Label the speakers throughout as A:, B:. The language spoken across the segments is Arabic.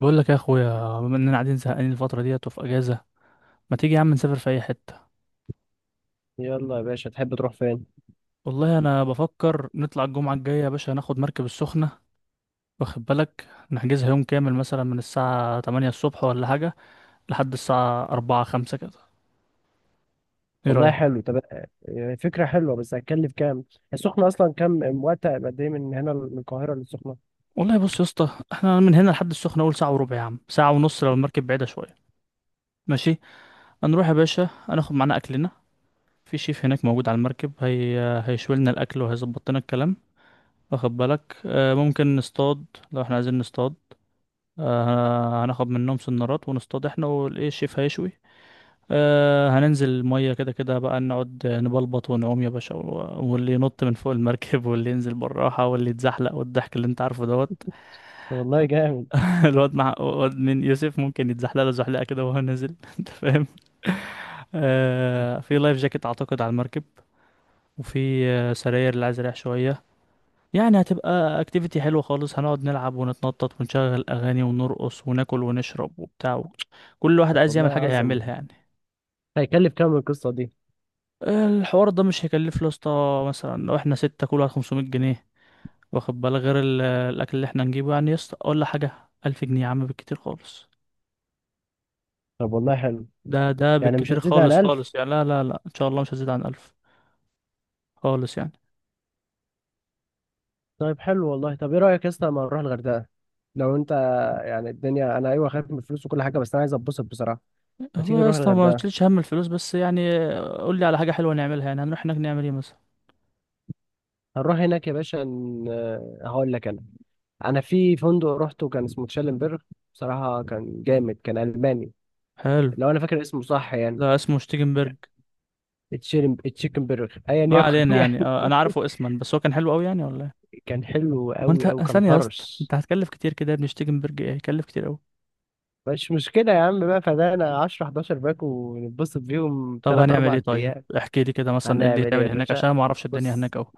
A: بقول لك يا اخويا، بما اننا قاعدين زهقانين الفتره ديت وفي اجازه، ما تيجي يا عم نسافر في اي حته؟
B: يلا يا باشا، تحب تروح فين؟
A: والله انا بفكر نطلع الجمعه الجايه يا باشا، ناخد مركب السخنه. واخد بالك، نحجزها يوم كامل مثلا من الساعه 8 الصبح ولا حاجه لحد الساعه 4 5 كده. ايه
B: والله
A: رايك؟
B: حلو. طب فكرة حلوة بس هتكلف كام؟ السخنة أصلا كام؟ وقت قد إيه من هنا، من القاهرة للسخنة؟
A: والله بص يا اسطى، احنا من هنا لحد السخنه اول ساعه وربع يا عم، ساعه ونص لو المركب بعيده شويه. ماشي. هنروح يا باشا، هناخد معانا اكلنا. في شيف هناك موجود على المركب هي، هيشوي لنا الاكل وهيظبط لنا الكلام. واخد بالك، ممكن نصطاد. لو احنا عايزين نصطاد، هناخد منهم سنارات ونصطاد احنا والايه، الشيف هيشوي. هننزل المية كده كده بقى، نقعد نبلبط ونعوم يا باشا، واللي ينط من فوق المركب، واللي ينزل بالراحة، واللي يتزحلق، والضحك اللي انت عارفه دوت.
B: والله جامد.
A: الواد مع الواد من يوسف ممكن يتزحلق له زحلقة كده وهو نازل. انت فاهم؟ في لايف جاكيت اعتقد على المركب، وفي سراير اللي عايز يريح شوية. يعني هتبقى اكتيفيتي حلوة خالص، هنقعد نلعب ونتنطط ونشغل اغاني ونرقص وناكل ونشرب وبتاع. كل واحد
B: طب
A: عايز
B: والله
A: يعمل حاجة
B: عظمة.
A: هيعملها يعني.
B: هيكلف كام القصة دي؟
A: الحوار ده مش هيكلف له يا اسطى، مثلا لو احنا ستة، كل واحد 500 جنيه. واخد بالك، غير الاكل اللي احنا نجيبه يعني يا اسطى ولا حاجة. 1000 جنيه يا عم بالكتير خالص.
B: طب والله حلو.
A: ده
B: يعني مش
A: بالكتير
B: هتزيد عن
A: خالص
B: 1000.
A: خالص يعني، لا لا لا ان شاء الله مش هزيد عن 1000 خالص يعني.
B: طيب حلو والله. طب إيه رأيك يا اسطى لما نروح الغردقة؟ لو أنت، يعني الدنيا أنا أيوه، خايف من الفلوس وكل حاجة بس أنا عايز أتبسط بصراحة. ما تيجي
A: والله يا
B: نروح
A: اسطى ما
B: الغردقة؟
A: تشيلش هم الفلوس بس يعني. قول لي على حاجة حلوة نعملها، يعني هنروح هناك نعمل ايه مثلا؟
B: هنروح هناك يا باشا هقول لك أنا. أنا في فندق روحته كان اسمه تشالنبرغ. بصراحة كان جامد، كان ألماني.
A: حلو.
B: لو انا فاكر اسمه صح يعني.
A: لا، اسمه شتيجنبرج.
B: تشيكن تشيكن برجر ايا
A: ما
B: يكن
A: علينا يعني،
B: يعني.
A: انا عارفه اسما، بس هو كان حلو قوي يعني ولا ايه؟
B: كان حلو
A: ما انت
B: قوي او كان
A: ثانيه يا اسطى،
B: طرش؟
A: انت هتكلف كتير كده يا ابني. شتيجنبرج ايه؟ هيكلف كتير قوي.
B: مش مشكله يا عم، بقى فدانا 10 11 باك ونتبسط بيهم
A: طب
B: 3
A: هنعمل ايه
B: 4
A: طيب؟
B: ايام.
A: احكي لي كده مثلا، ايه اللي
B: هنعمل ايه يا
A: تعمل هناك؟
B: باشا؟
A: عشان أنا ما اعرفش الدنيا
B: بص.
A: هناك قوي.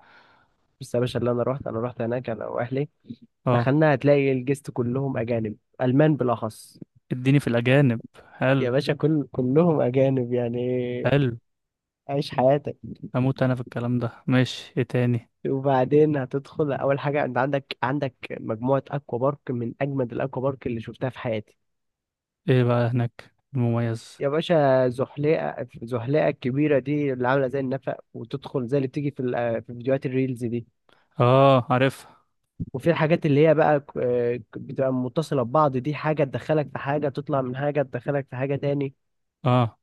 B: بص يا باشا، اللي انا رحت هناك انا واهلي.
A: اه.
B: دخلنا هتلاقي الجست كلهم اجانب، المان بالاخص.
A: اديني في الاجانب.
B: يا
A: حلو.
B: باشا كلهم اجانب يعني.
A: حلو.
B: عيش حياتك.
A: اموت انا في الكلام ده. ماشي، ايه تاني؟
B: وبعدين هتدخل اول حاجه، انت عندك مجموعه اكوا بارك من اجمد الاكوا بارك اللي شفتها في حياتي.
A: ايه بقى هناك المميز؟
B: يا باشا زحليقة، زحليقة الكبيرة دي اللي عاملة زي النفق، وتدخل زي اللي بتيجي في في فيديوهات الريلز دي.
A: اه، عارفها.
B: وفي الحاجات اللي هي بقى بتبقى متصلة ببعض، دي حاجة تدخلك في حاجة، تطلع من حاجة تدخلك في حاجة تاني.
A: اه.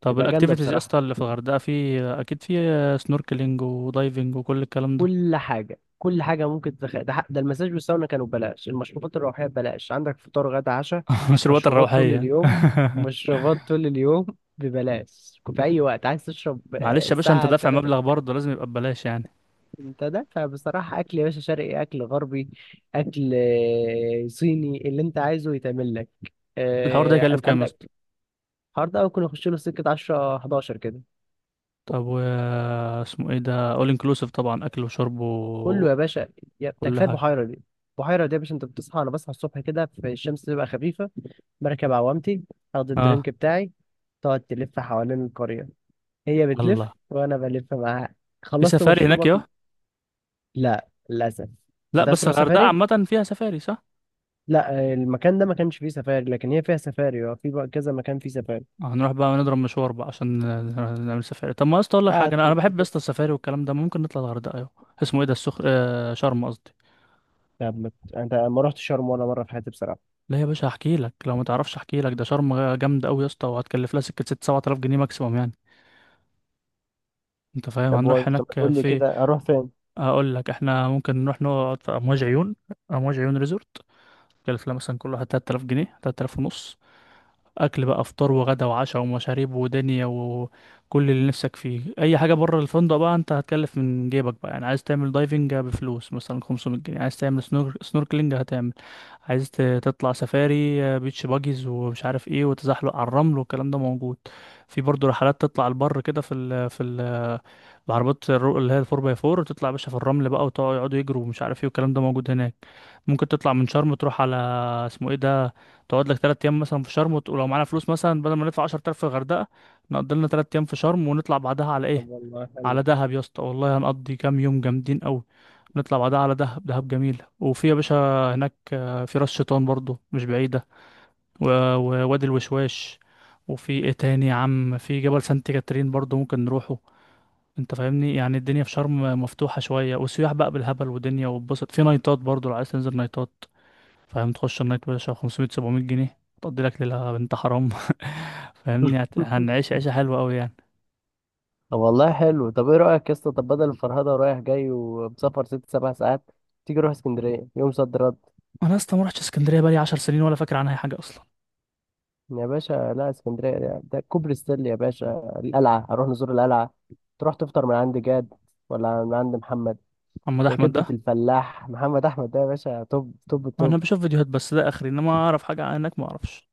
A: طب
B: تبقى جامدة
A: الاكتيفيتيز يا
B: بصراحة.
A: اسطى اللي في الغردقه، في اكيد في سنوركلينج ودايفنج وكل الكلام ده.
B: كل حاجة، كل حاجة ممكن تدخل ده. ده المساج والساونا كانوا ببلاش، المشروبات الروحية ببلاش، عندك فطار غدا عشاء.
A: مشروبات
B: مشروبات طول
A: الروحيه.
B: اليوم. مشروبات طول اليوم. ببلاش في أي وقت عايز تشرب
A: معلش يا باشا، انت
B: الساعة.
A: دافع مبلغ برضه لازم يبقى ببلاش يعني.
B: انت دافع بصراحة. اكل يا باشا شرقي، اكل غربي. اكل صيني، اللي انت عايزه يتعمل لك.
A: الحوار ده يكلف
B: انت
A: كام يا اسطى؟
B: عندك الحوار ده ممكن يخش له سكة 10 11 كده.
A: طب و، اسمه ايه ده، اول انكلوسيف طبعا، اكل وشرب
B: كله يا
A: وكل
B: باشا. يا ده كفاية
A: حاجه؟
B: البحيرة دي. البحيرة دي يا باشا، انت بتصحى انا بصحى الصبح كده في الشمس تبقى خفيفة. بركب عوامتي. اخد
A: اه.
B: الدرينك بتاعي. تقعد تلف حوالين القرية. هي
A: الله.
B: بتلف وانا بلف معاها.
A: في
B: خلصت
A: سفاري هناك
B: مشروبك.
A: يا،
B: لا للاسف.
A: لا
B: انت عايز
A: بس
B: تروح
A: الغردقه
B: سفاري؟
A: عامه فيها سفاري صح؟
B: لا، المكان ده ما كانش فيه سفاري لكن هي فيها سفاري. اه، في بقى كذا مكان فيه سفاري.
A: هنروح بقى نضرب مشوار بقى عشان نعمل سفاري. طب ما يا اسطى اقول لك حاجه، انا
B: قعدت
A: انا بحب يا اسطى
B: بس.
A: السفاري والكلام ده. ممكن نطلع الغردقه، يا اسمه ايه ده، السخ شرم قصدي.
B: طب ما ت- انت ما رحت شرم ولا مره في حياتي بصراحه.
A: لا يا باشا احكي لك لو ما تعرفش، احكي لك. ده شرم جامده قوي يا اسطى، وهتكلف لها سكه 6 7000 جنيه ماكسيموم يعني. انت فاهم؟
B: طب
A: هنروح
B: طب ما
A: هناك
B: تقول لي
A: في،
B: كده اروح فين.
A: هقول لك احنا ممكن نروح نقعد في امواج عيون. امواج عيون ريزورت. كلف لها مثلا كل واحد 3000 جنيه، 3000 ونص. اكل بقى، فطار وغدا وعشاء ومشاريب ودنيا وكل اللي نفسك فيه. اي حاجه بره الفندق بقى انت هتكلف من جيبك بقى، يعني عايز تعمل دايفنج بفلوس مثلا 500 جنيه. عايز تعمل سنوركلينج هتعمل. عايز تطلع سفاري، بيتش باجيز ومش عارف ايه، وتزحلق على الرمل، والكلام ده موجود. في برضه رحلات تطلع البر كده في بعربات اللي هي الفور باي فور، وتطلع يا باشا في الرمل بقى، وتقعدوا يجروا، ومش عارف ايه، والكلام ده موجود هناك. ممكن تطلع من شرم تروح على، اسمه ايه ده، تقعد لك تلات أيام مثلا في شرم، ولو معانا فلوس مثلا، بدل ما ندفع 10,000 في الغردقة، نقضي لنا تلات أيام في شرم ونطلع بعدها على
B: طب
A: إيه؟
B: والله حلو.
A: على دهب يا اسطى، والله هنقضي كام يوم جامدين أوي. نطلع بعدها على دهب، دهب جميل. وفي يا باشا هناك في راس شيطان برضو مش بعيدة، ووادي الوشواش. وفي ايه تاني يا عم، في جبل سانت كاترين برضو ممكن نروحه. انت فاهمني؟ يعني الدنيا في شرم مفتوحة شوية، والسياح بقى بالهبل، ودنيا وبسط. في نايتات برضو لو عايز تنزل نايتات. فاهم؟ تخش النايت باشا 500 700 جنيه، تقضي لك ليلة بنت حرام. فاهمني؟ هنعيش عيشة حلوة أوي يعني.
B: طب والله حلو. طب ايه رأيك يا اسطى، طب بدل الفرهدة ورايح جاي ومسافر ست سبع ساعات، تيجي نروح اسكندرية يوم صد رد؟
A: أنا أصلا ما رحتش اسكندرية بقالي 10 سنين، ولا فاكر عنها أي حاجة أصلا.
B: يا باشا لا، اسكندرية ده كوبري ستانلي يا باشا، القلعة هنروح نزور القلعة. تروح تفطر من عند جاد، ولا من عند محمد.
A: محمد
B: ده
A: أحمد
B: كبدة
A: ده؟
B: الفلاح محمد أحمد ده يا باشا، توب توب
A: أنا
B: توب.
A: بشوف فيديوهات بس، ده آخري. إنما أعرف حاجة عنك؟ ما أعرفش.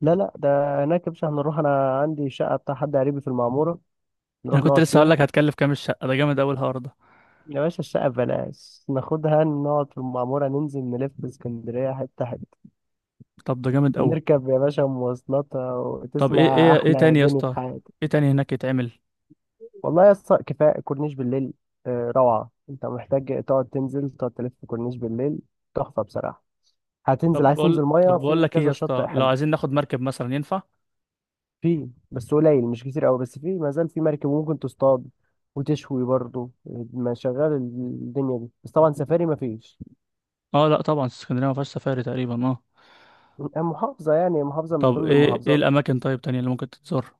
B: لا لا، ده هناك يا باشا، هنروح، انا عندي شقه بتاع حد قريبي في المعموره.
A: أنا
B: نروح
A: كنت
B: نقعد
A: لسه هقول
B: فيها.
A: لك، هتكلف كام الشقة ده؟ جامد أوي الحوار ده.
B: يا باشا الشقه ببلاش، ناخدها نقعد في المعموره، ننزل نلف في اسكندريه حته حته.
A: طب ده جامد أوي.
B: نركب يا باشا مواصلات
A: طب إيه،
B: وتسمع
A: إيه
B: احلى
A: تاني يا
B: جنة في
A: اسطى؟
B: حياتك.
A: إيه تاني هناك يتعمل؟
B: والله يا اسطى كفايه كورنيش بالليل. روعه، انت محتاج تقعد تنزل تقعد تلف في كورنيش بالليل. تحفه بصراحه. هتنزل، عايز تنزل ميه
A: طب بقول
B: في
A: لك إيه
B: كذا
A: يا
B: شاطئ
A: اسطى، لو
B: حلو.
A: عايزين ناخد مركب مثلا، ينفع؟
B: في بس قليل مش كتير قوي، بس في ما زال في مركب وممكن تصطاد وتشوي برضه. ما شغال الدنيا دي، بس طبعا سفاري ما فيش.
A: أه لأ طبعا، اسكندرية ما فيهاش سفاري تقريبا، أه.
B: محافظة يعني، محافظة من
A: طب
B: ضمن
A: إيه، إيه
B: المحافظات.
A: الأماكن طيب تانية اللي ممكن تتزار؟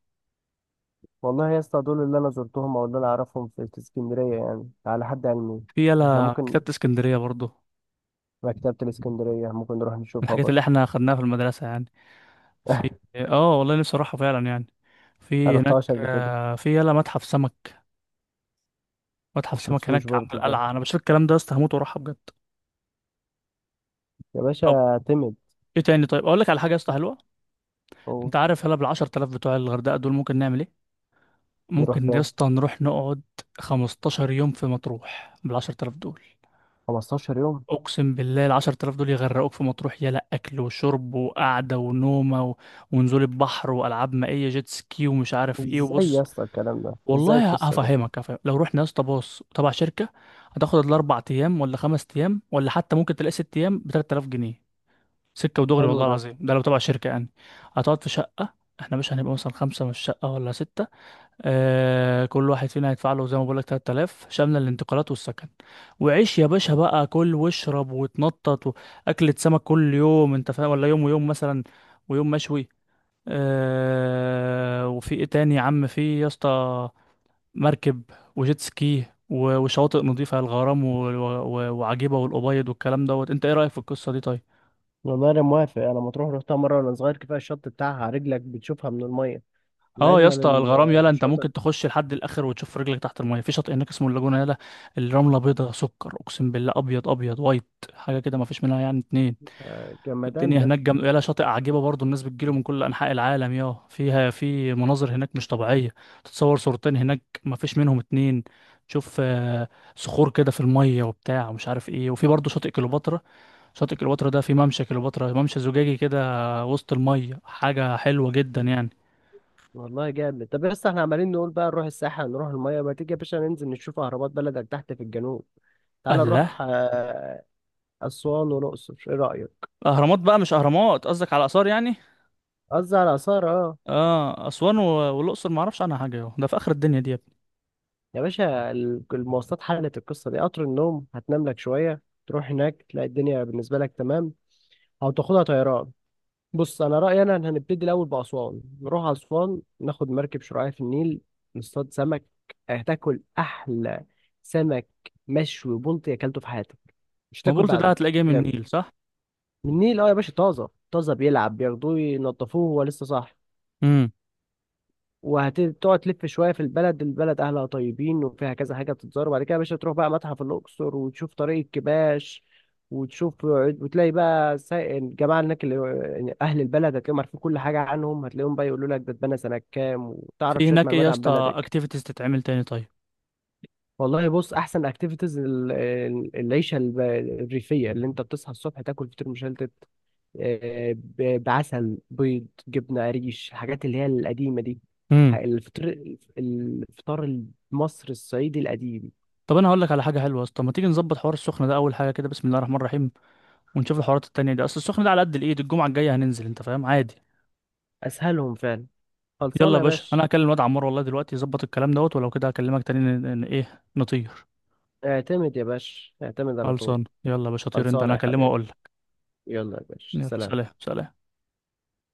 B: والله يا اسطى دول اللي انا زرتهم او اللي انا اعرفهم في اسكندرية يعني، على حد علمي.
A: في
B: احنا
A: يلا
B: ممكن،
A: كتابة اسكندرية برضو، من
B: مكتبة الاسكندرية ممكن نروح نشوفها
A: الحاجات
B: برضه.
A: اللي احنا خدناها في المدرسة يعني. في، اه والله نفسي اروحها فعلا يعني.
B: ما
A: في هناك
B: رحتهاش قبل كده.
A: في يلا متحف سمك.
B: ما
A: متحف سمك
B: شفتوش
A: هناك عند
B: برضه ده
A: القلعة، انا بشوف الكلام ده يا اسطى هموت واروحها بجد.
B: يا
A: طب
B: باشا. تمد
A: ايه تاني طيب؟ اقول لك على حاجة يا اسطى حلوة.
B: أو.
A: انت عارف يلا بال 10,000 بتوع الغردقة دول ممكن نعمل ايه؟
B: نروح
A: ممكن يا
B: فين؟
A: اسطى نروح نقعد 15 يوم في مطروح بال 10,000 دول.
B: 15 يوم.
A: اقسم بالله العشر تلاف دول يغرقوك في مطروح. يلا اكل وشرب وقعده ونومه و، ونزول البحر والعاب مائيه جيت سكي ومش عارف ايه،
B: ازاي يا
A: وبص.
B: اسطى الكلام ده، ازاي
A: والله
B: القصة دي؟
A: هفهمك هفهمك. لو رحنا يا اسطى باص تبع شركه، هتاخد الاربع ايام ولا خمس ايام، ولا حتى ممكن تلاقي ست ايام ب 3000 جنيه، سكه ودغري
B: حلو
A: والله
B: ده.
A: العظيم، ده لو تبع شركه يعني. هتقعد في شقه. احنا مش هنبقى مثلا خمسه من الشقه ولا سته؟ آه، كل واحد فينا هيدفع له زي ما بقول لك 3000، شامله الانتقالات والسكن. وعيش يا باشا بقى، كل واشرب وتنطط. واكلة سمك كل يوم، انت فاهم، ولا يوم ويوم مثلا، ويوم مشوي. آه، وفي ايه تاني يا عم، في يا اسطى مركب، وجيت سكي، وشواطئ نظيفة الغرام، وعجيبة والأبيض، والكلام دوت. انت ايه رأيك في القصة دي طيب؟
B: والله انا موافق. انا مطروح رحتها مره وانا صغير، كفايه الشط بتاعها رجلك بتشوفها من الميه. من
A: اه يا
B: اجمل
A: اسطى، الغرام يلا انت
B: الشواطئ.
A: ممكن تخش لحد الاخر وتشوف رجلك تحت الميه. في شاطئ هناك اسمه اللاجونه، يلا الرمله بيضه سكر، اقسم بالله ابيض، ابيض وايت، حاجه كده ما فيش منها يعني اتنين.
B: جمدان
A: الدنيا
B: ده.
A: هناك يلا شاطئ عجيبه برضو، الناس بتجيله من كل انحاء العالم يا، فيها في مناظر هناك مش طبيعيه. تتصور صورتين هناك ما فيش منهم اتنين. تشوف صخور كده في الميه وبتاع ومش عارف ايه. وفي برضو شاطئ كليوباترا. شاطئ كليوباترا ده في ممشى كليوباترا، ممشى زجاجي كده وسط الميه، حاجه حلوه جدا يعني.
B: والله جامد. طب بس احنا عمالين نقول بقى نروح الساحل، نروح الميه. ما تيجي يا باشا ننزل نشوف اهرامات بلدك تحت في الجنوب؟ تعال
A: الله.
B: نروح اسوان والاقصر، ايه رايك؟
A: اهرامات بقى؟ مش اهرامات، قصدك على اثار يعني؟
B: قصدي على اثار، اه.
A: اه، اسوان و، والاقصر ما اعرفش عنها حاجه، اهو ده في اخر الدنيا دي يا ابني.
B: يا باشا المواصلات حلت القصه دي، قطر النوم هتنام لك شويه تروح هناك تلاقي الدنيا بالنسبه لك تمام، او تاخدها طيران. بص انا رايي انا إن هنبتدي الاول باسوان، نروح اسوان ناخد مركب شراعية في النيل، نصطاد سمك. هتاكل احلى سمك مشوي بلطي اكلته في حياتك، مش
A: ما
B: هتاكل
A: بولت ده
B: بعده.
A: هتلاقيه جاي من
B: يعني
A: النيل صح؟
B: من النيل اه يا باشا، طازه طازه، بيلعب بياخدوه ينضفوه هو لسه صاحي.
A: امم
B: وهتقعد تلف شويه في البلد، البلد اهلها طيبين وفيها كذا حاجه بتتزار. وبعد كده يا باشا تروح بقى متحف الاقصر وتشوف طريق الكباش، وتشوف وتلاقي بقى الجماعه هناك اللي يعني اهل البلد، هتلاقيهم عارفين كل حاجه عنهم، هتلاقيهم بقى يقولوا لك ده اتبنى سنه كام وتعرف
A: في
B: شويه
A: هناك ايه
B: معلومات
A: يا
B: عن
A: اسطى
B: بلدك.
A: اكتيفيتيز تتعمل تاني طيب؟
B: والله بص احسن اكتيفيتيز العيشه الريفيه اللي انت بتصحى الصبح تاكل فطير مشلتت، بعسل بيض جبنة قريش، الحاجات اللي هي القديمة دي. ح-
A: امم
B: الفطر الفطار المصري الصعيدي القديم.
A: طب انا هقول لك على حاجه حلوه يا اسطى، ما تيجي نظبط حوار السخنه ده اول حاجه كده، بسم الله الرحمن الرحيم. ونشوف الحوارات التانية دي، اصل السخنه ده على قد الايد، الجمعه الجايه هننزل، انت فاهم، عادي.
B: أسهلهم فعلا.
A: يلا
B: خلصانة
A: يا
B: يا
A: باشا،
B: باشا.
A: انا هكلم الواد عمار والله دلوقتي يظبط الكلام دوت، ولو كده هكلمك تاني ن... ن... ايه نطير.
B: اعتمد يا باشا، اعتمد على طول.
A: خلصان، يلا يا باشا طير انت،
B: خلصانة
A: انا
B: يا
A: هكلمه
B: حبيبي.
A: واقول لك.
B: يلا يا باشا
A: يلا
B: سلام.
A: سلام سلام.